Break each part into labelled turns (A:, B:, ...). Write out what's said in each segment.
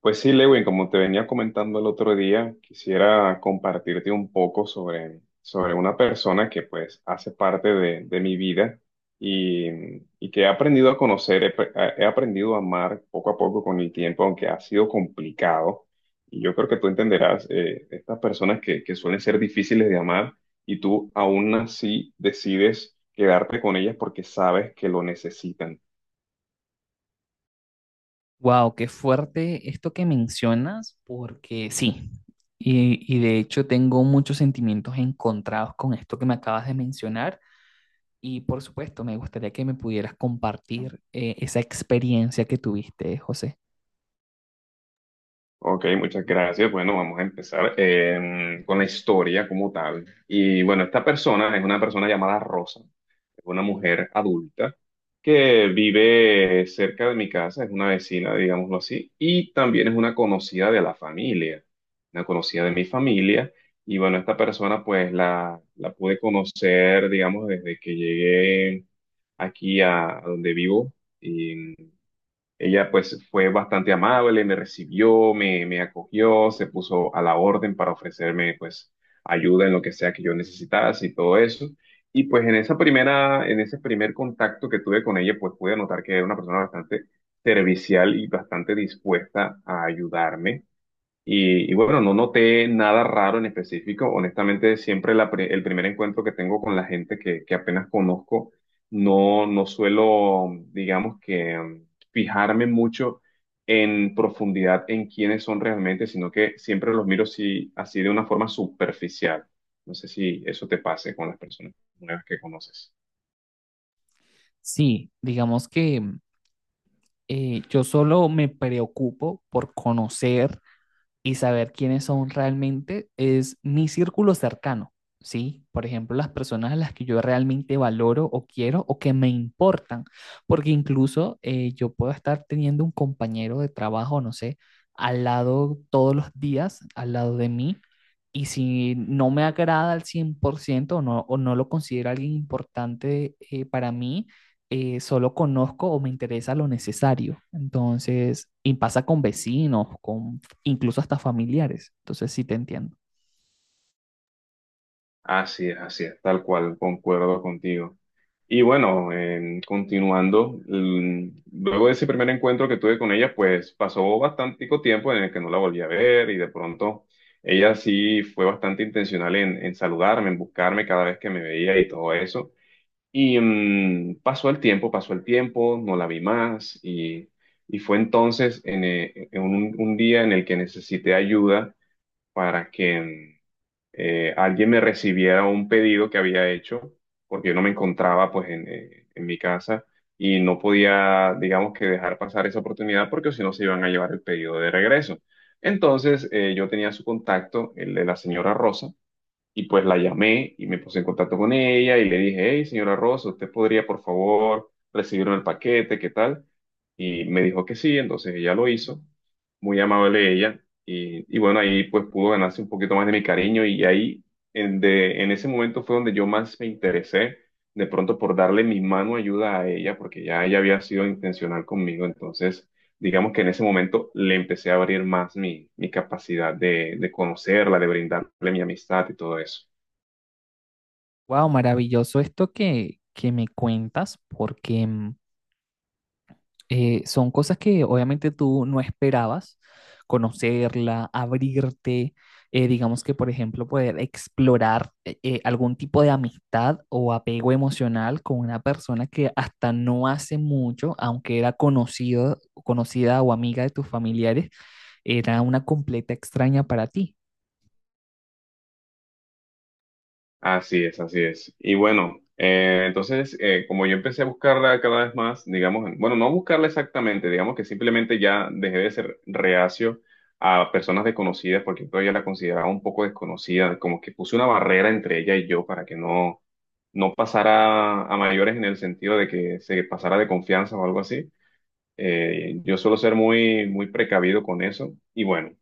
A: Pues sí, Lewin, como te venía comentando el otro día, quisiera compartirte un poco sobre una persona que pues hace parte de mi vida y, y que he aprendido a conocer, he aprendido a amar poco a poco con el tiempo, aunque ha sido complicado. Y yo creo que tú entenderás estas personas que suelen ser difíciles de amar y tú aún así decides quedarte con ellas porque sabes que lo necesitan.
B: Wow, qué fuerte esto que mencionas, porque sí, y de hecho tengo muchos sentimientos encontrados con esto que me acabas de mencionar, y por supuesto me gustaría que me pudieras compartir esa experiencia que tuviste, José.
A: Ok, muchas gracias. Bueno, vamos a empezar con la historia como tal. Y bueno, esta persona es una persona llamada Rosa. Es una mujer adulta que vive cerca de mi casa, es una vecina, digámoslo así, y también es una conocida de la familia, una conocida de mi familia. Y bueno, esta persona pues la pude conocer, digamos, desde que llegué aquí a donde vivo. Ella pues fue bastante amable, me recibió, me acogió, se puso a la orden para ofrecerme pues ayuda en lo que sea que yo necesitase y todo eso. Y pues en esa primera, en ese primer contacto que tuve con ella, pues pude notar que era una persona bastante servicial y bastante dispuesta a ayudarme. Y bueno, no noté nada raro en específico. Honestamente, siempre el primer encuentro que tengo con la gente que apenas conozco, no suelo, digamos que, fijarme mucho en profundidad en quiénes son realmente, sino que siempre los miro así de una forma superficial. No sé si eso te pase con las personas nuevas que conoces.
B: Sí, digamos que yo solo me preocupo por conocer y saber quiénes son realmente es mi círculo cercano, ¿sí? Por ejemplo, las personas a las que yo realmente valoro o quiero o que me importan, porque incluso yo puedo estar teniendo un compañero de trabajo, no sé, al lado todos los días, al lado de mí, y si no me agrada al 100% o no lo considero alguien importante para mí, solo conozco o me interesa lo necesario. Entonces, y pasa con vecinos, con incluso hasta familiares. Entonces sí te entiendo.
A: Así es, tal cual, concuerdo contigo. Y bueno, continuando, luego de ese primer encuentro que tuve con ella, pues pasó bastante tiempo en el que no la volví a ver y de pronto ella sí fue bastante intencional en saludarme, en buscarme cada vez que me veía y todo eso. Y pasó el tiempo, no la vi más y fue entonces en un día en el que necesité ayuda para que... alguien me recibiera un pedido que había hecho, porque yo no me encontraba pues en mi casa y no podía, digamos que dejar pasar esa oportunidad porque si no se iban a llevar el pedido de regreso. Entonces yo tenía su contacto, el de la señora Rosa, y pues la llamé y me puse en contacto con ella y le dije, hey, señora Rosa, ¿usted podría por favor recibirme el paquete? ¿Qué tal? Y me dijo que sí, entonces ella lo hizo, muy amable ella. Y bueno, ahí pues pudo ganarse un poquito más de mi cariño y ahí en ese momento fue donde yo más me interesé de pronto por darle mi mano ayuda a ella, porque ya ella había sido intencional conmigo, entonces digamos que en ese momento le empecé a abrir más mi capacidad de conocerla, de brindarle mi amistad y todo eso.
B: Wow, maravilloso esto que me cuentas, porque son cosas que obviamente tú no esperabas conocerla, abrirte, digamos que, por ejemplo, poder explorar algún tipo de amistad o apego emocional con una persona que hasta no hace mucho, aunque era conocido, conocida o amiga de tus familiares, era una completa extraña para ti.
A: Así es, así es. Y bueno, entonces, como yo empecé a buscarla cada vez más, digamos, bueno, no buscarla exactamente, digamos que simplemente ya dejé de ser reacio a personas desconocidas porque todavía la consideraba un poco desconocida, como que puse una barrera entre ella y yo para que no pasara a mayores en el sentido de que se pasara de confianza o algo así. Yo suelo ser muy precavido con eso. Y bueno,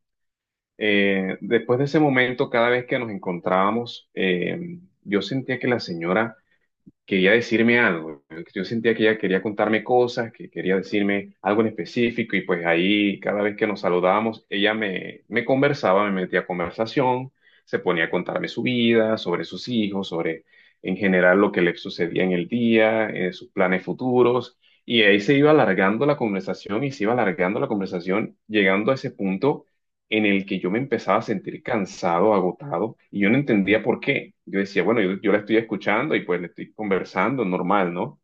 A: después de ese momento, cada vez que nos encontrábamos, yo sentía que la señora quería decirme algo. Yo sentía que ella quería contarme cosas, que quería decirme algo en específico y pues ahí cada vez que nos saludábamos, me conversaba, me metía a conversación, se ponía a contarme su vida, sobre sus hijos, sobre en general lo que le sucedía en el día, sus planes futuros. Y ahí se iba alargando la conversación y se iba alargando la conversación, llegando a ese punto en el que yo me empezaba a sentir cansado, agotado, y yo no entendía por qué. Yo decía, bueno, yo la estoy escuchando y pues le estoy conversando, normal, ¿no?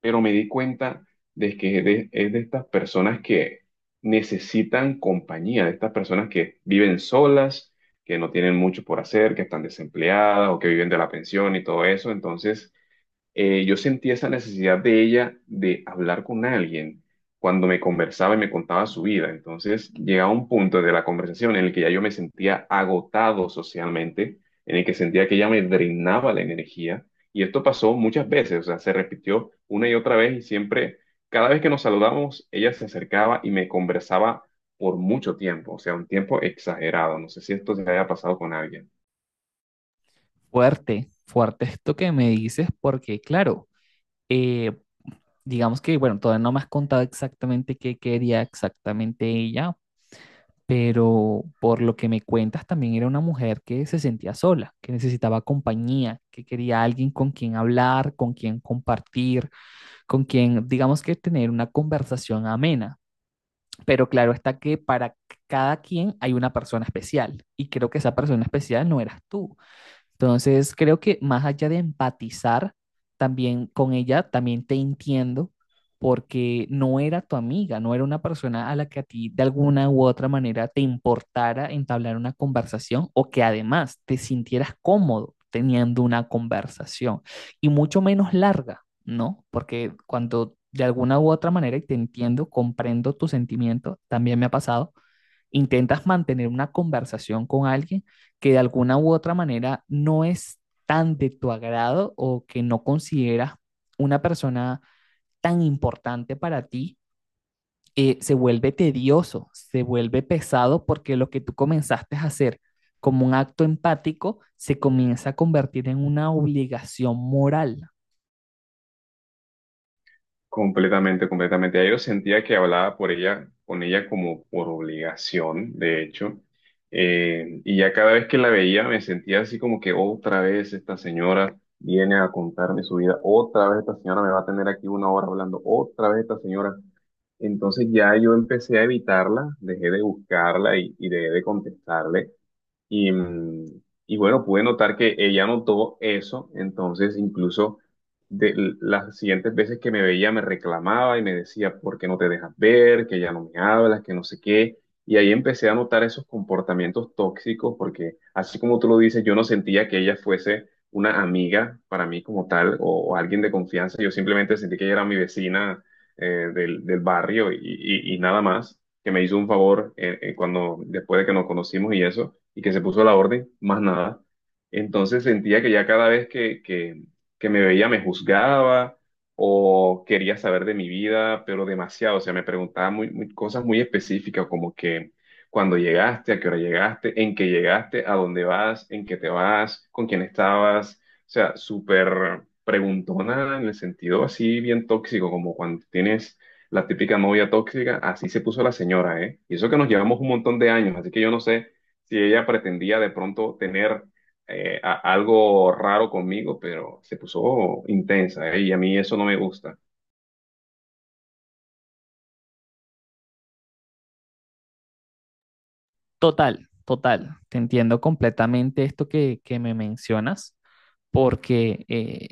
A: Pero me di cuenta de que es de estas personas que necesitan compañía, de estas personas que viven solas, que no tienen mucho por hacer, que están desempleadas o que viven de la pensión y todo eso. Entonces, yo sentí esa necesidad de ella de hablar con alguien cuando me conversaba y me contaba su vida. Entonces llegaba un punto de la conversación en el que ya yo me sentía agotado socialmente, en el que sentía que ella me drenaba la energía. Y esto pasó muchas veces, o sea, se repitió una y otra vez y siempre, cada vez que nos saludamos, ella se acercaba y me conversaba por mucho tiempo, o sea, un tiempo exagerado. No sé si esto se haya pasado con alguien.
B: Fuerte, fuerte esto que me dices, porque claro, eh, digamos que, bueno, todavía no me has contado exactamente qué quería exactamente ella, pero por lo que me cuentas también era una mujer que se sentía sola, que necesitaba compañía, que quería alguien con quien hablar, con quien compartir, con quien, digamos que tener una conversación amena. Pero claro está que para cada quien hay una persona especial y creo que esa persona especial no eras tú. Entonces, creo que más allá de empatizar también con ella, también te entiendo porque no era tu amiga, no era una persona a la que a ti de alguna u otra manera te importara entablar una conversación o que además te sintieras cómodo teniendo una conversación y mucho menos larga, ¿no? Porque cuando de alguna u otra manera, y te entiendo, comprendo tu sentimiento, también me ha pasado, intentas mantener una conversación con alguien que de alguna u otra manera no es tan de tu agrado o que no consideras una persona tan importante para ti, se vuelve tedioso, se vuelve pesado porque lo que tú comenzaste a hacer como un acto empático se comienza a convertir en una obligación moral.
A: Completamente, completamente. Ya yo sentía que hablaba por ella, con ella como por obligación, de hecho. Y ya cada vez que la veía me sentía así como que otra vez esta señora viene a contarme su vida, otra vez esta señora me va a tener aquí una hora hablando, otra vez esta señora. Entonces ya yo empecé a evitarla, dejé de buscarla y dejé de contestarle. Y, mm, y bueno, pude notar que ella notó eso, entonces incluso las siguientes veces que me veía me reclamaba y me decía, ¿por qué no te dejas ver? Que ya no me hablas, que no sé qué. Y ahí empecé a notar esos comportamientos tóxicos, porque así como tú lo dices, yo no sentía que ella fuese una amiga para mí como tal o alguien de confianza. Yo simplemente sentí que ella era mi vecina del barrio y nada más, que me hizo un favor cuando después de que nos conocimos y eso y que se puso a la orden, más nada. Entonces sentía que ya cada vez que me veía me juzgaba o quería saber de mi vida, pero demasiado. O sea, me preguntaba cosas muy específicas como que cuando llegaste, a qué hora llegaste, en qué llegaste, a dónde vas, en qué te vas, con quién estabas. O sea, súper preguntona en el sentido así bien tóxico, como cuando tienes la típica novia tóxica, así se puso la señora, ¿eh? Y eso que nos llevamos un montón de años, así que yo no sé si ella pretendía de pronto tener algo raro conmigo, pero se puso intensa, ¿eh? Y a mí eso no me gusta.
B: Total, total, te entiendo completamente esto que me mencionas. Porque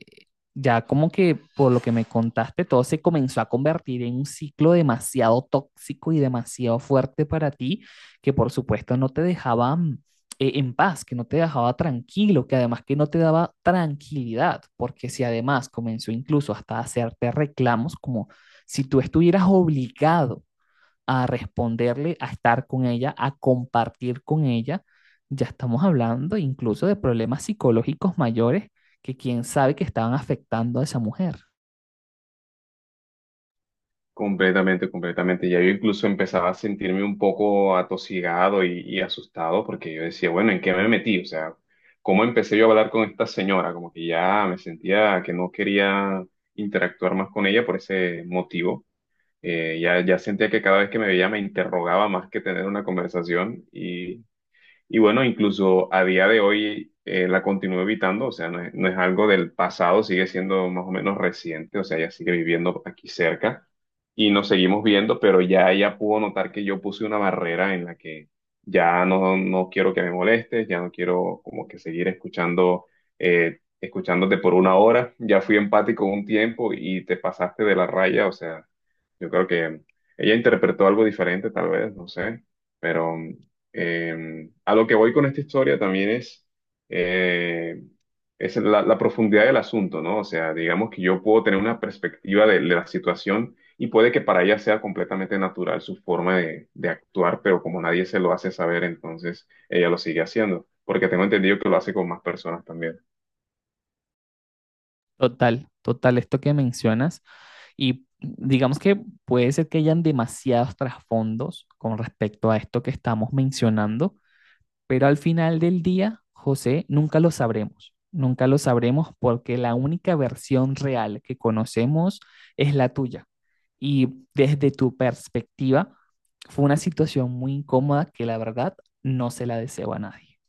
B: ya como que por lo que me contaste, todo se comenzó a convertir en un ciclo demasiado tóxico y demasiado fuerte para ti, que por supuesto no te dejaba en paz, que no te dejaba tranquilo, que además que no te daba tranquilidad, porque si además comenzó incluso hasta a hacerte reclamos como si tú estuvieras obligado a responderle, a estar con ella, a compartir con ella, ya estamos hablando incluso de problemas psicológicos mayores que quién sabe que estaban afectando a esa mujer.
A: Completamente, completamente. Ya yo incluso empezaba a sentirme un poco atosigado y asustado porque yo decía, bueno, ¿en qué me metí? O sea, ¿cómo empecé yo a hablar con esta señora? Como que ya me sentía que no quería interactuar más con ella por ese motivo. Ya sentía que cada vez que me veía me interrogaba más que tener una conversación y Y bueno, incluso a día de hoy la continúo evitando, o sea, no es algo del pasado, sigue siendo más o menos reciente, o sea, ella sigue viviendo aquí cerca y nos seguimos viendo, pero ya ella pudo notar que yo puse una barrera en la que ya no quiero que me molestes, ya no quiero como que seguir escuchando, escuchándote por una hora, ya fui empático un tiempo y te pasaste de la raya, o sea, yo creo que ella interpretó algo diferente tal vez, no sé, pero... A lo que voy con esta historia también eh, es la profundidad del asunto, ¿no? O sea, digamos que yo puedo tener una perspectiva de la situación y puede que para ella sea completamente natural su forma de actuar, pero como nadie se lo hace saber, entonces ella lo sigue haciendo, porque tengo entendido que lo hace con más personas también.
B: Total, total, esto que mencionas y digamos que puede ser que hayan demasiados trasfondos con respecto a esto que estamos mencionando. Pero al final del día, José, nunca lo sabremos. Nunca lo sabremos porque la única versión real que conocemos es la tuya. Y desde tu perspectiva, fue una situación muy incómoda que la verdad no se la deseo a nadie.